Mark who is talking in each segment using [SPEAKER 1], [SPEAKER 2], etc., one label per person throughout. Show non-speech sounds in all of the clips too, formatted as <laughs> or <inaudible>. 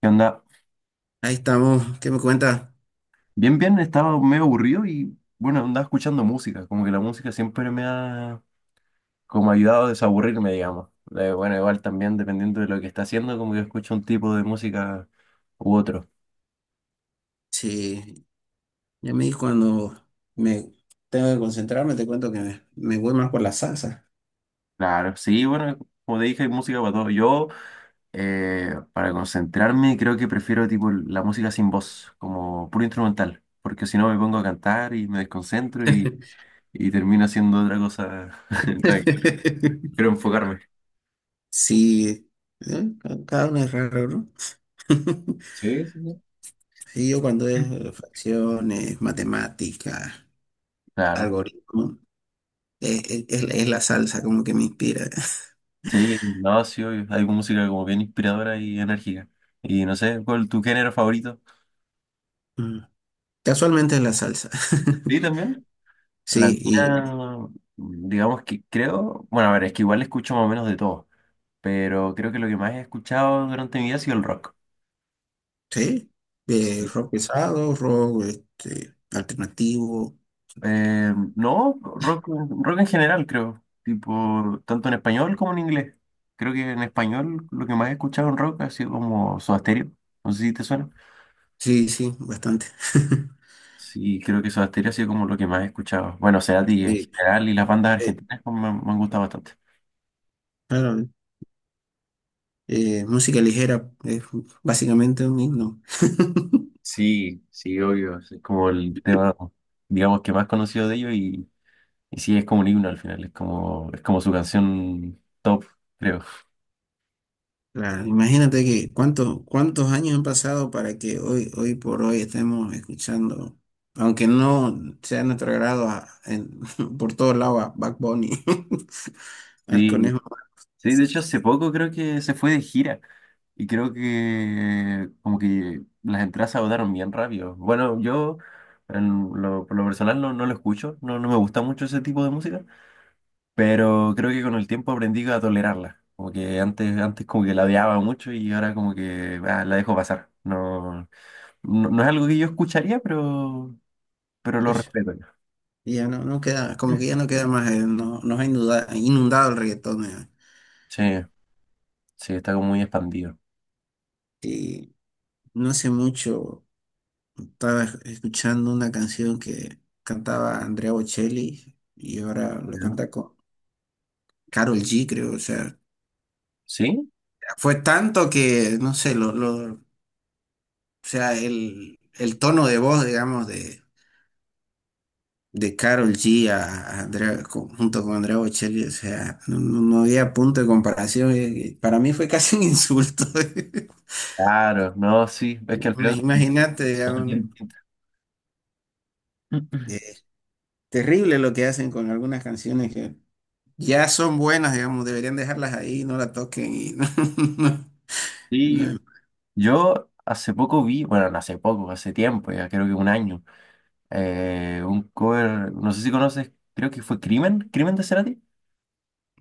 [SPEAKER 1] ¿Qué onda?
[SPEAKER 2] Ahí estamos. ¿Qué me cuenta?
[SPEAKER 1] Bien, bien, estaba medio aburrido y bueno, andaba escuchando música, como que la música siempre me ha como ayudado a desaburrirme, digamos. Bueno, igual también dependiendo de lo que está haciendo, como que escucho un tipo de música u otro.
[SPEAKER 2] Sí, ya me di cuando me tengo que concentrarme, te cuento que me voy más por la salsa.
[SPEAKER 1] Claro, sí, bueno, como te dije, hay música para todo. Yo, para concentrarme, creo que prefiero tipo la música sin voz, como puro instrumental, porque si no me pongo a cantar y me desconcentro y termino haciendo otra cosa. <laughs>
[SPEAKER 2] <laughs>
[SPEAKER 1] Quiero enfocarme.
[SPEAKER 2] Sí, ¿eh? Cada uno es raro, ¿no? <laughs>
[SPEAKER 1] Sí, sí, sí.
[SPEAKER 2] Sí, yo cuando es fracciones, matemáticas,
[SPEAKER 1] Claro.
[SPEAKER 2] algoritmo, es la salsa como que me inspira. <laughs>
[SPEAKER 1] Sí, no, sí, obvio. Hay música como bien inspiradora y enérgica. Y no sé, ¿cuál es tu género favorito?
[SPEAKER 2] Mm. Casualmente es la salsa.
[SPEAKER 1] Sí,
[SPEAKER 2] <laughs>
[SPEAKER 1] también. La
[SPEAKER 2] Sí, y
[SPEAKER 1] mía, digamos que creo, bueno, a ver, es que igual escucho más o menos de todo, pero creo que lo que más he escuchado durante mi vida ha sido el rock.
[SPEAKER 2] sí,
[SPEAKER 1] Sí.
[SPEAKER 2] rock pesado, rock este, alternativo.
[SPEAKER 1] No, rock en general, creo. Tipo, tanto en español como en inglés. Creo que en español lo que más he escuchado en rock ha sido como Soda Stereo. No sé si te suena.
[SPEAKER 2] Sí, sí, bastante. <laughs>
[SPEAKER 1] Sí, creo que Soda Stereo ha sido como lo que más he escuchado. Bueno, Cerati en
[SPEAKER 2] Sí,
[SPEAKER 1] general y las bandas
[SPEAKER 2] eh,
[SPEAKER 1] argentinas como me han gustado bastante.
[SPEAKER 2] claro, música ligera es básicamente un himno.
[SPEAKER 1] Sí, sí, obvio. Es como el tema, digamos, que más conocido de ellos y sí, es como un himno al final. Es como su canción top, creo.
[SPEAKER 2] Claro, imagínate que cuántos años han pasado para que hoy por hoy estemos escuchando, aunque no sea de nuestro agrado, <laughs> por todos lados a Bad Bunny, <laughs> al
[SPEAKER 1] Sí,
[SPEAKER 2] conejo.
[SPEAKER 1] sí, de hecho
[SPEAKER 2] Max.
[SPEAKER 1] hace poco creo que se fue de gira y creo que como que las entradas se agotaron bien rápido. Bueno, yo por lo personal no, no lo escucho, no, no me gusta mucho ese tipo de música. Pero creo que con el tiempo aprendí a tolerarla. Como que antes como que la odiaba mucho y ahora como que la dejo pasar. No, no, no es algo que yo escucharía, pero lo
[SPEAKER 2] Pues,
[SPEAKER 1] respeto.
[SPEAKER 2] ya no, no queda, como
[SPEAKER 1] Mm.
[SPEAKER 2] que ya no queda más, no, nos ha inundado, el reggaetón.
[SPEAKER 1] Sí, sí, está como muy expandido.
[SPEAKER 2] Y no hace mucho. Estaba escuchando una canción que cantaba Andrea Bocelli y ahora lo
[SPEAKER 1] ¿No?
[SPEAKER 2] canta con Karol G, creo. O sea,
[SPEAKER 1] ¿Sí?
[SPEAKER 2] fue tanto que, no sé, o sea, el tono de voz, digamos, de Karol G a Andrea, junto con Andrea Bocelli, o sea, no había punto de comparación. Para mí fue <laughs> casi un insulto. <laughs>
[SPEAKER 1] Claro, no, sí, es que al final son
[SPEAKER 2] Imagínate,
[SPEAKER 1] cosas
[SPEAKER 2] digamos,
[SPEAKER 1] bien
[SPEAKER 2] ¿no?
[SPEAKER 1] distintas.
[SPEAKER 2] eh,
[SPEAKER 1] <clears throat>
[SPEAKER 2] terrible lo que hacen con algunas canciones que ya son buenas, digamos, deberían dejarlas ahí, no la toquen y <laughs>
[SPEAKER 1] Sí,
[SPEAKER 2] no,
[SPEAKER 1] yo hace poco vi, bueno, no hace poco, hace tiempo, ya creo que un año, un cover, no sé si conoces, creo que fue Crimen de Cerati.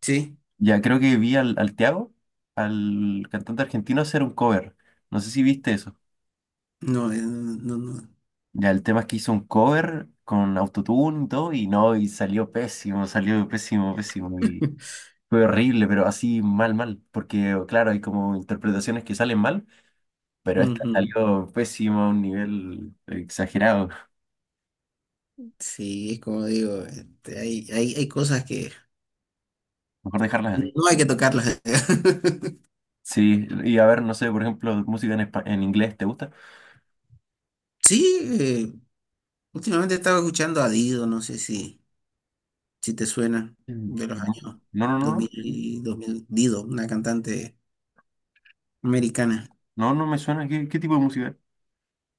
[SPEAKER 2] sí,
[SPEAKER 1] Ya creo que vi al Tiago, al cantante argentino, hacer un cover. No sé si viste eso.
[SPEAKER 2] no, no.
[SPEAKER 1] Ya el tema es que hizo un cover con autotune y todo, y no, y salió pésimo, pésimo, y
[SPEAKER 2] <laughs>
[SPEAKER 1] fue horrible, pero así mal, mal. Porque, claro, hay como interpretaciones que salen mal, pero esta
[SPEAKER 2] Ujú.
[SPEAKER 1] salió pésimo a un nivel exagerado.
[SPEAKER 2] Sí, como digo, este, hay cosas que
[SPEAKER 1] Mejor dejarlas así.
[SPEAKER 2] no hay que tocarlas. <laughs>
[SPEAKER 1] Sí, y a ver, no sé, por ejemplo, música en inglés, ¿te gusta?
[SPEAKER 2] Sí, eh, últimamente estaba escuchando a Dido, no sé si, si te suena, de los
[SPEAKER 1] No,
[SPEAKER 2] años
[SPEAKER 1] no, no,
[SPEAKER 2] dos
[SPEAKER 1] no,
[SPEAKER 2] mil dos mil Dido, una cantante americana.
[SPEAKER 1] no, no me suena. ¿Qué tipo de música?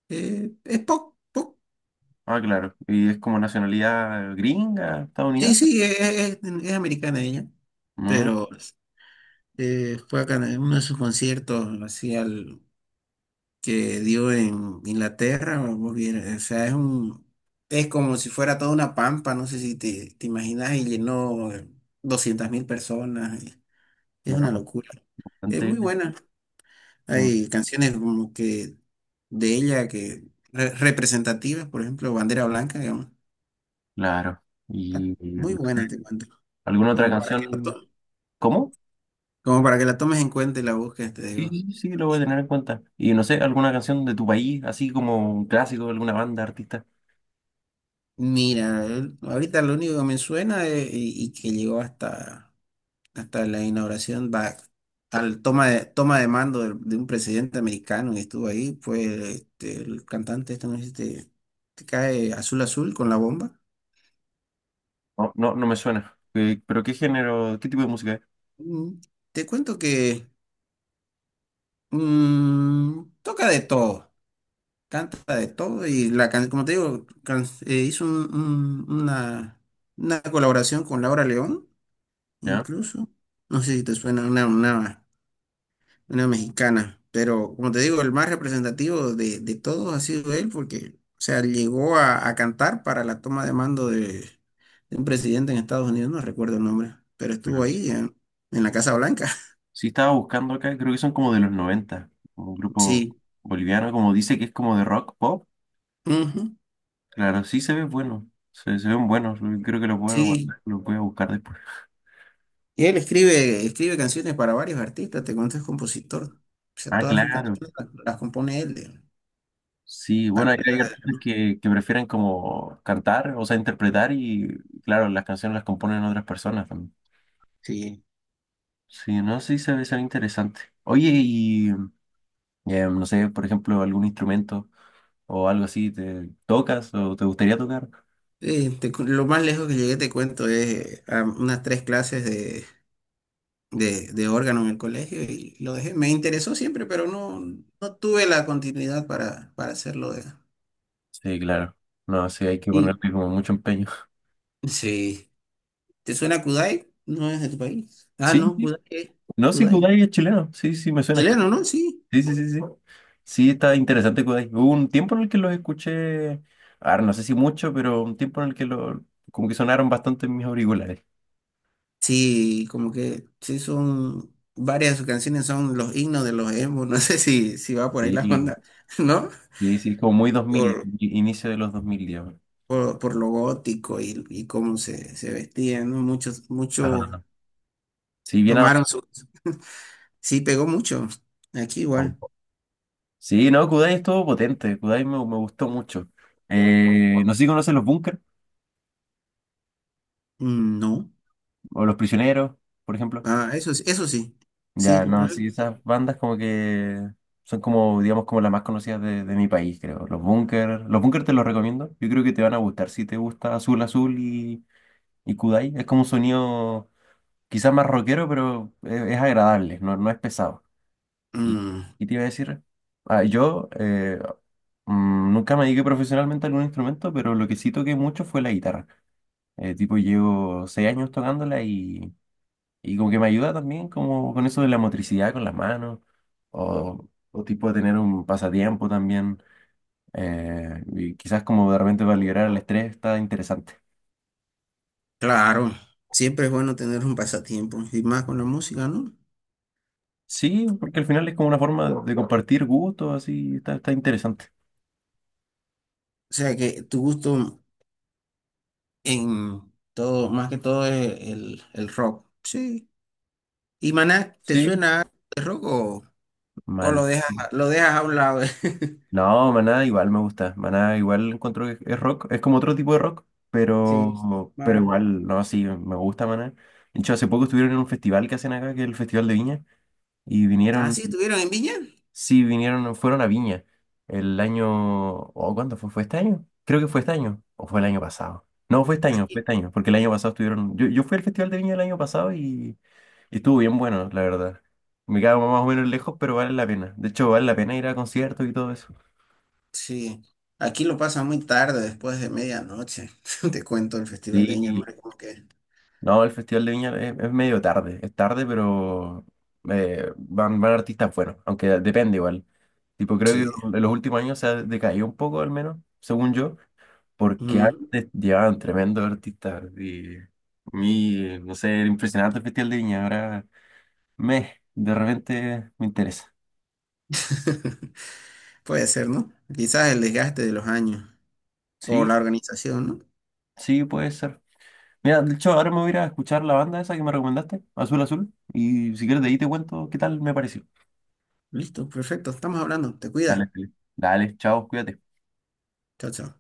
[SPEAKER 2] Es pop, pop.
[SPEAKER 1] Ah, claro. ¿Y es como nacionalidad gringa,
[SPEAKER 2] Sí,
[SPEAKER 1] estadounidense?
[SPEAKER 2] sí, es americana ella,
[SPEAKER 1] Mm,
[SPEAKER 2] pero fue acá en uno de sus conciertos, así al que dio en Inglaterra, o sea, es como si fuera toda una pampa, no sé si te, te imaginas, y llenó 200.000 personas, y es
[SPEAKER 1] no,
[SPEAKER 2] una locura, es
[SPEAKER 1] bastante
[SPEAKER 2] muy
[SPEAKER 1] bien.
[SPEAKER 2] buena,
[SPEAKER 1] Mm.
[SPEAKER 2] hay canciones como que de ella que representativas, por ejemplo, Bandera Blanca, digamos,
[SPEAKER 1] Claro.
[SPEAKER 2] ah,
[SPEAKER 1] ¿Y
[SPEAKER 2] muy buena te cuento,
[SPEAKER 1] alguna otra
[SPEAKER 2] como para que la
[SPEAKER 1] canción?
[SPEAKER 2] to-
[SPEAKER 1] ¿Cómo?
[SPEAKER 2] como para que la tomes en cuenta y la busques, te
[SPEAKER 1] Sí,
[SPEAKER 2] digo.
[SPEAKER 1] sí, sí, lo voy a tener en cuenta. Y no sé, ¿alguna canción de tu país, así como un clásico de alguna banda, artista?
[SPEAKER 2] Mira, ahorita lo único que me suena y que llegó hasta, hasta la inauguración, va, al toma de mando de, un presidente americano que estuvo ahí, fue este, el cantante este, ¿no? Este, que cae Azul Azul con la bomba.
[SPEAKER 1] No, no, no me suena. ¿Pero qué género, qué tipo de música es?
[SPEAKER 2] Mm, te cuento que mm, toca de todo, canta de todo y la como te digo, hizo una colaboración con Laura León,
[SPEAKER 1] ¿Ya?
[SPEAKER 2] incluso. No sé si te suena una mexicana. Pero como te digo, el más representativo de todos ha sido él porque, o sea, llegó a cantar para la toma de mando de un presidente en Estados Unidos, no recuerdo el nombre, pero estuvo
[SPEAKER 1] Bueno, sí.
[SPEAKER 2] ahí en la Casa Blanca. <laughs>
[SPEAKER 1] Sí estaba buscando acá, creo que son como de los 90, como un grupo
[SPEAKER 2] Sí,
[SPEAKER 1] boliviano, como dice que es como de rock, pop.
[SPEAKER 2] ujú,
[SPEAKER 1] Claro, sí se ve bueno. Se ven buenos. Creo que los voy a
[SPEAKER 2] sí.
[SPEAKER 1] guardar, los voy a buscar después.
[SPEAKER 2] Y él escribe canciones para varios artistas, te cuento, es compositor. O sea,
[SPEAKER 1] Ah,
[SPEAKER 2] todas sus
[SPEAKER 1] claro.
[SPEAKER 2] canciones las compone él. De-
[SPEAKER 1] Sí, bueno, hay
[SPEAKER 2] artistas
[SPEAKER 1] artistas
[SPEAKER 2] ¿no?
[SPEAKER 1] que prefieren como cantar, o sea, interpretar y, claro, las canciones las componen otras personas también.
[SPEAKER 2] Sí.
[SPEAKER 1] Sí, no, sí se ve, interesante. Oye, y no sé, por ejemplo, algún instrumento o algo así, ¿te tocas o te gustaría tocar?
[SPEAKER 2] Lo más lejos que llegué, te cuento, es a unas tres clases de órgano en el colegio y lo dejé. Me interesó siempre, pero no, no tuve la continuidad para hacerlo.
[SPEAKER 1] Sí, claro. No, sí, hay que ponerle
[SPEAKER 2] Y
[SPEAKER 1] como mucho empeño. <laughs>
[SPEAKER 2] sí, ¿te suena Kudai? No es de tu país. Ah,
[SPEAKER 1] Sí,
[SPEAKER 2] no,
[SPEAKER 1] sí.
[SPEAKER 2] Kudai.
[SPEAKER 1] No, sí,
[SPEAKER 2] Kudai.
[SPEAKER 1] Kudai es chileno. Sí, sí, me suena.
[SPEAKER 2] Chileno, ¿no? Sí.
[SPEAKER 1] Sí, sí, sí, sí. Sí, está interesante. Güey. Hubo un tiempo en el que los escuché, ahora no sé si mucho, pero un tiempo en el que como que sonaron bastante en mis auriculares.
[SPEAKER 2] Sí, como que sí son varias de sus canciones son los himnos de los emo. <laughs> No sé si, si va por ahí la
[SPEAKER 1] Sí,
[SPEAKER 2] onda, <laughs> ¿no?
[SPEAKER 1] sí, sí, como muy 2000,
[SPEAKER 2] Por,
[SPEAKER 1] inicio de los 2000 digamos.
[SPEAKER 2] por lo gótico y cómo se, se vestían, ¿no? Muchos
[SPEAKER 1] Ajá. Sí, bien adolescente.
[SPEAKER 2] tomaron su... Sí, pegó mucho. Aquí igual.
[SPEAKER 1] Sí, no, Kudai estuvo potente, Kudai me gustó mucho. No sé si conoces los Bunker
[SPEAKER 2] Mm, no,
[SPEAKER 1] o los Prisioneros, por ejemplo.
[SPEAKER 2] ah, eso sí, sí,
[SPEAKER 1] Ya, no, sí, esas bandas como que son como, digamos, como las más conocidas de mi país, creo. Los Bunkers te los recomiendo. Yo creo que te van a gustar si te gusta Azul Azul y Kudai. Es como un sonido quizás más rockero, pero es agradable, no, no es pesado. ¿Y,
[SPEAKER 2] mm,
[SPEAKER 1] y te iba a decir? Ah, yo nunca me dediqué profesionalmente a algún instrumento, pero lo que sí toqué mucho fue la guitarra. Tipo, llevo 6 años tocándola y como que me ayuda también como con eso de la motricidad con las manos o tipo de tener un pasatiempo también. Y quizás como de repente para liberar el estrés está interesante.
[SPEAKER 2] claro, siempre es bueno tener un pasatiempo y más con la música, ¿no?
[SPEAKER 1] Sí, porque al final es como una forma de compartir gustos, así está interesante.
[SPEAKER 2] O sea que tu gusto en todo, más que todo es el rock, sí. ¿Y Maná, te
[SPEAKER 1] Sí,
[SPEAKER 2] suena algo de rock o
[SPEAKER 1] man.
[SPEAKER 2] lo dejas a un lado? <laughs>
[SPEAKER 1] No, Maná igual me gusta. Maná igual encuentro que es rock, es como otro tipo de rock,
[SPEAKER 2] Sí,
[SPEAKER 1] pero
[SPEAKER 2] más.
[SPEAKER 1] igual, no, sí, me gusta Maná. De hecho, hace poco estuvieron en un festival que hacen acá, que es el Festival de Viña, y
[SPEAKER 2] Ah,
[SPEAKER 1] vinieron.
[SPEAKER 2] sí, estuvieron en Viña,
[SPEAKER 1] Sí, vinieron, fueron a Viña el año, o ¿cuánto fue? ¿Fue este año? Creo que fue este año, o fue el año pasado. No, fue
[SPEAKER 2] aquí,
[SPEAKER 1] este año, porque el año pasado estuvieron, yo fui al Festival de Viña el año pasado y estuvo bien bueno, la verdad. Me quedaba más o menos lejos, pero vale la pena. De hecho, vale la pena ir a conciertos y todo eso.
[SPEAKER 2] sí, aquí lo pasa muy tarde, después de medianoche, <laughs> te cuento el Festival de Viña,
[SPEAKER 1] Sí,
[SPEAKER 2] hermano, como que,
[SPEAKER 1] no, el Festival de Viña es medio tarde, es tarde, pero van artistas buenos, aunque depende igual. Tipo, creo
[SPEAKER 2] sí.
[SPEAKER 1] que en los últimos años se ha decaído un poco, al menos, según yo, porque
[SPEAKER 2] Ujú.
[SPEAKER 1] antes llevaban tremendos artistas y a mí, no sé, era impresionante el Festival de Viña, ahora de repente me interesa.
[SPEAKER 2] <laughs> Puede ser, ¿no? Quizás el desgaste de los años o
[SPEAKER 1] Sí,
[SPEAKER 2] la organización, ¿no?
[SPEAKER 1] sí, puede ser. Mira, de hecho, ahora me voy a ir a escuchar la banda esa que me recomendaste, Azul Azul, y si quieres de ahí te cuento qué tal me pareció.
[SPEAKER 2] Listo, perfecto. Estamos hablando. Te
[SPEAKER 1] Dale,
[SPEAKER 2] cuida.
[SPEAKER 1] Felipe. Dale, chao, cuídate.
[SPEAKER 2] Chao, chao.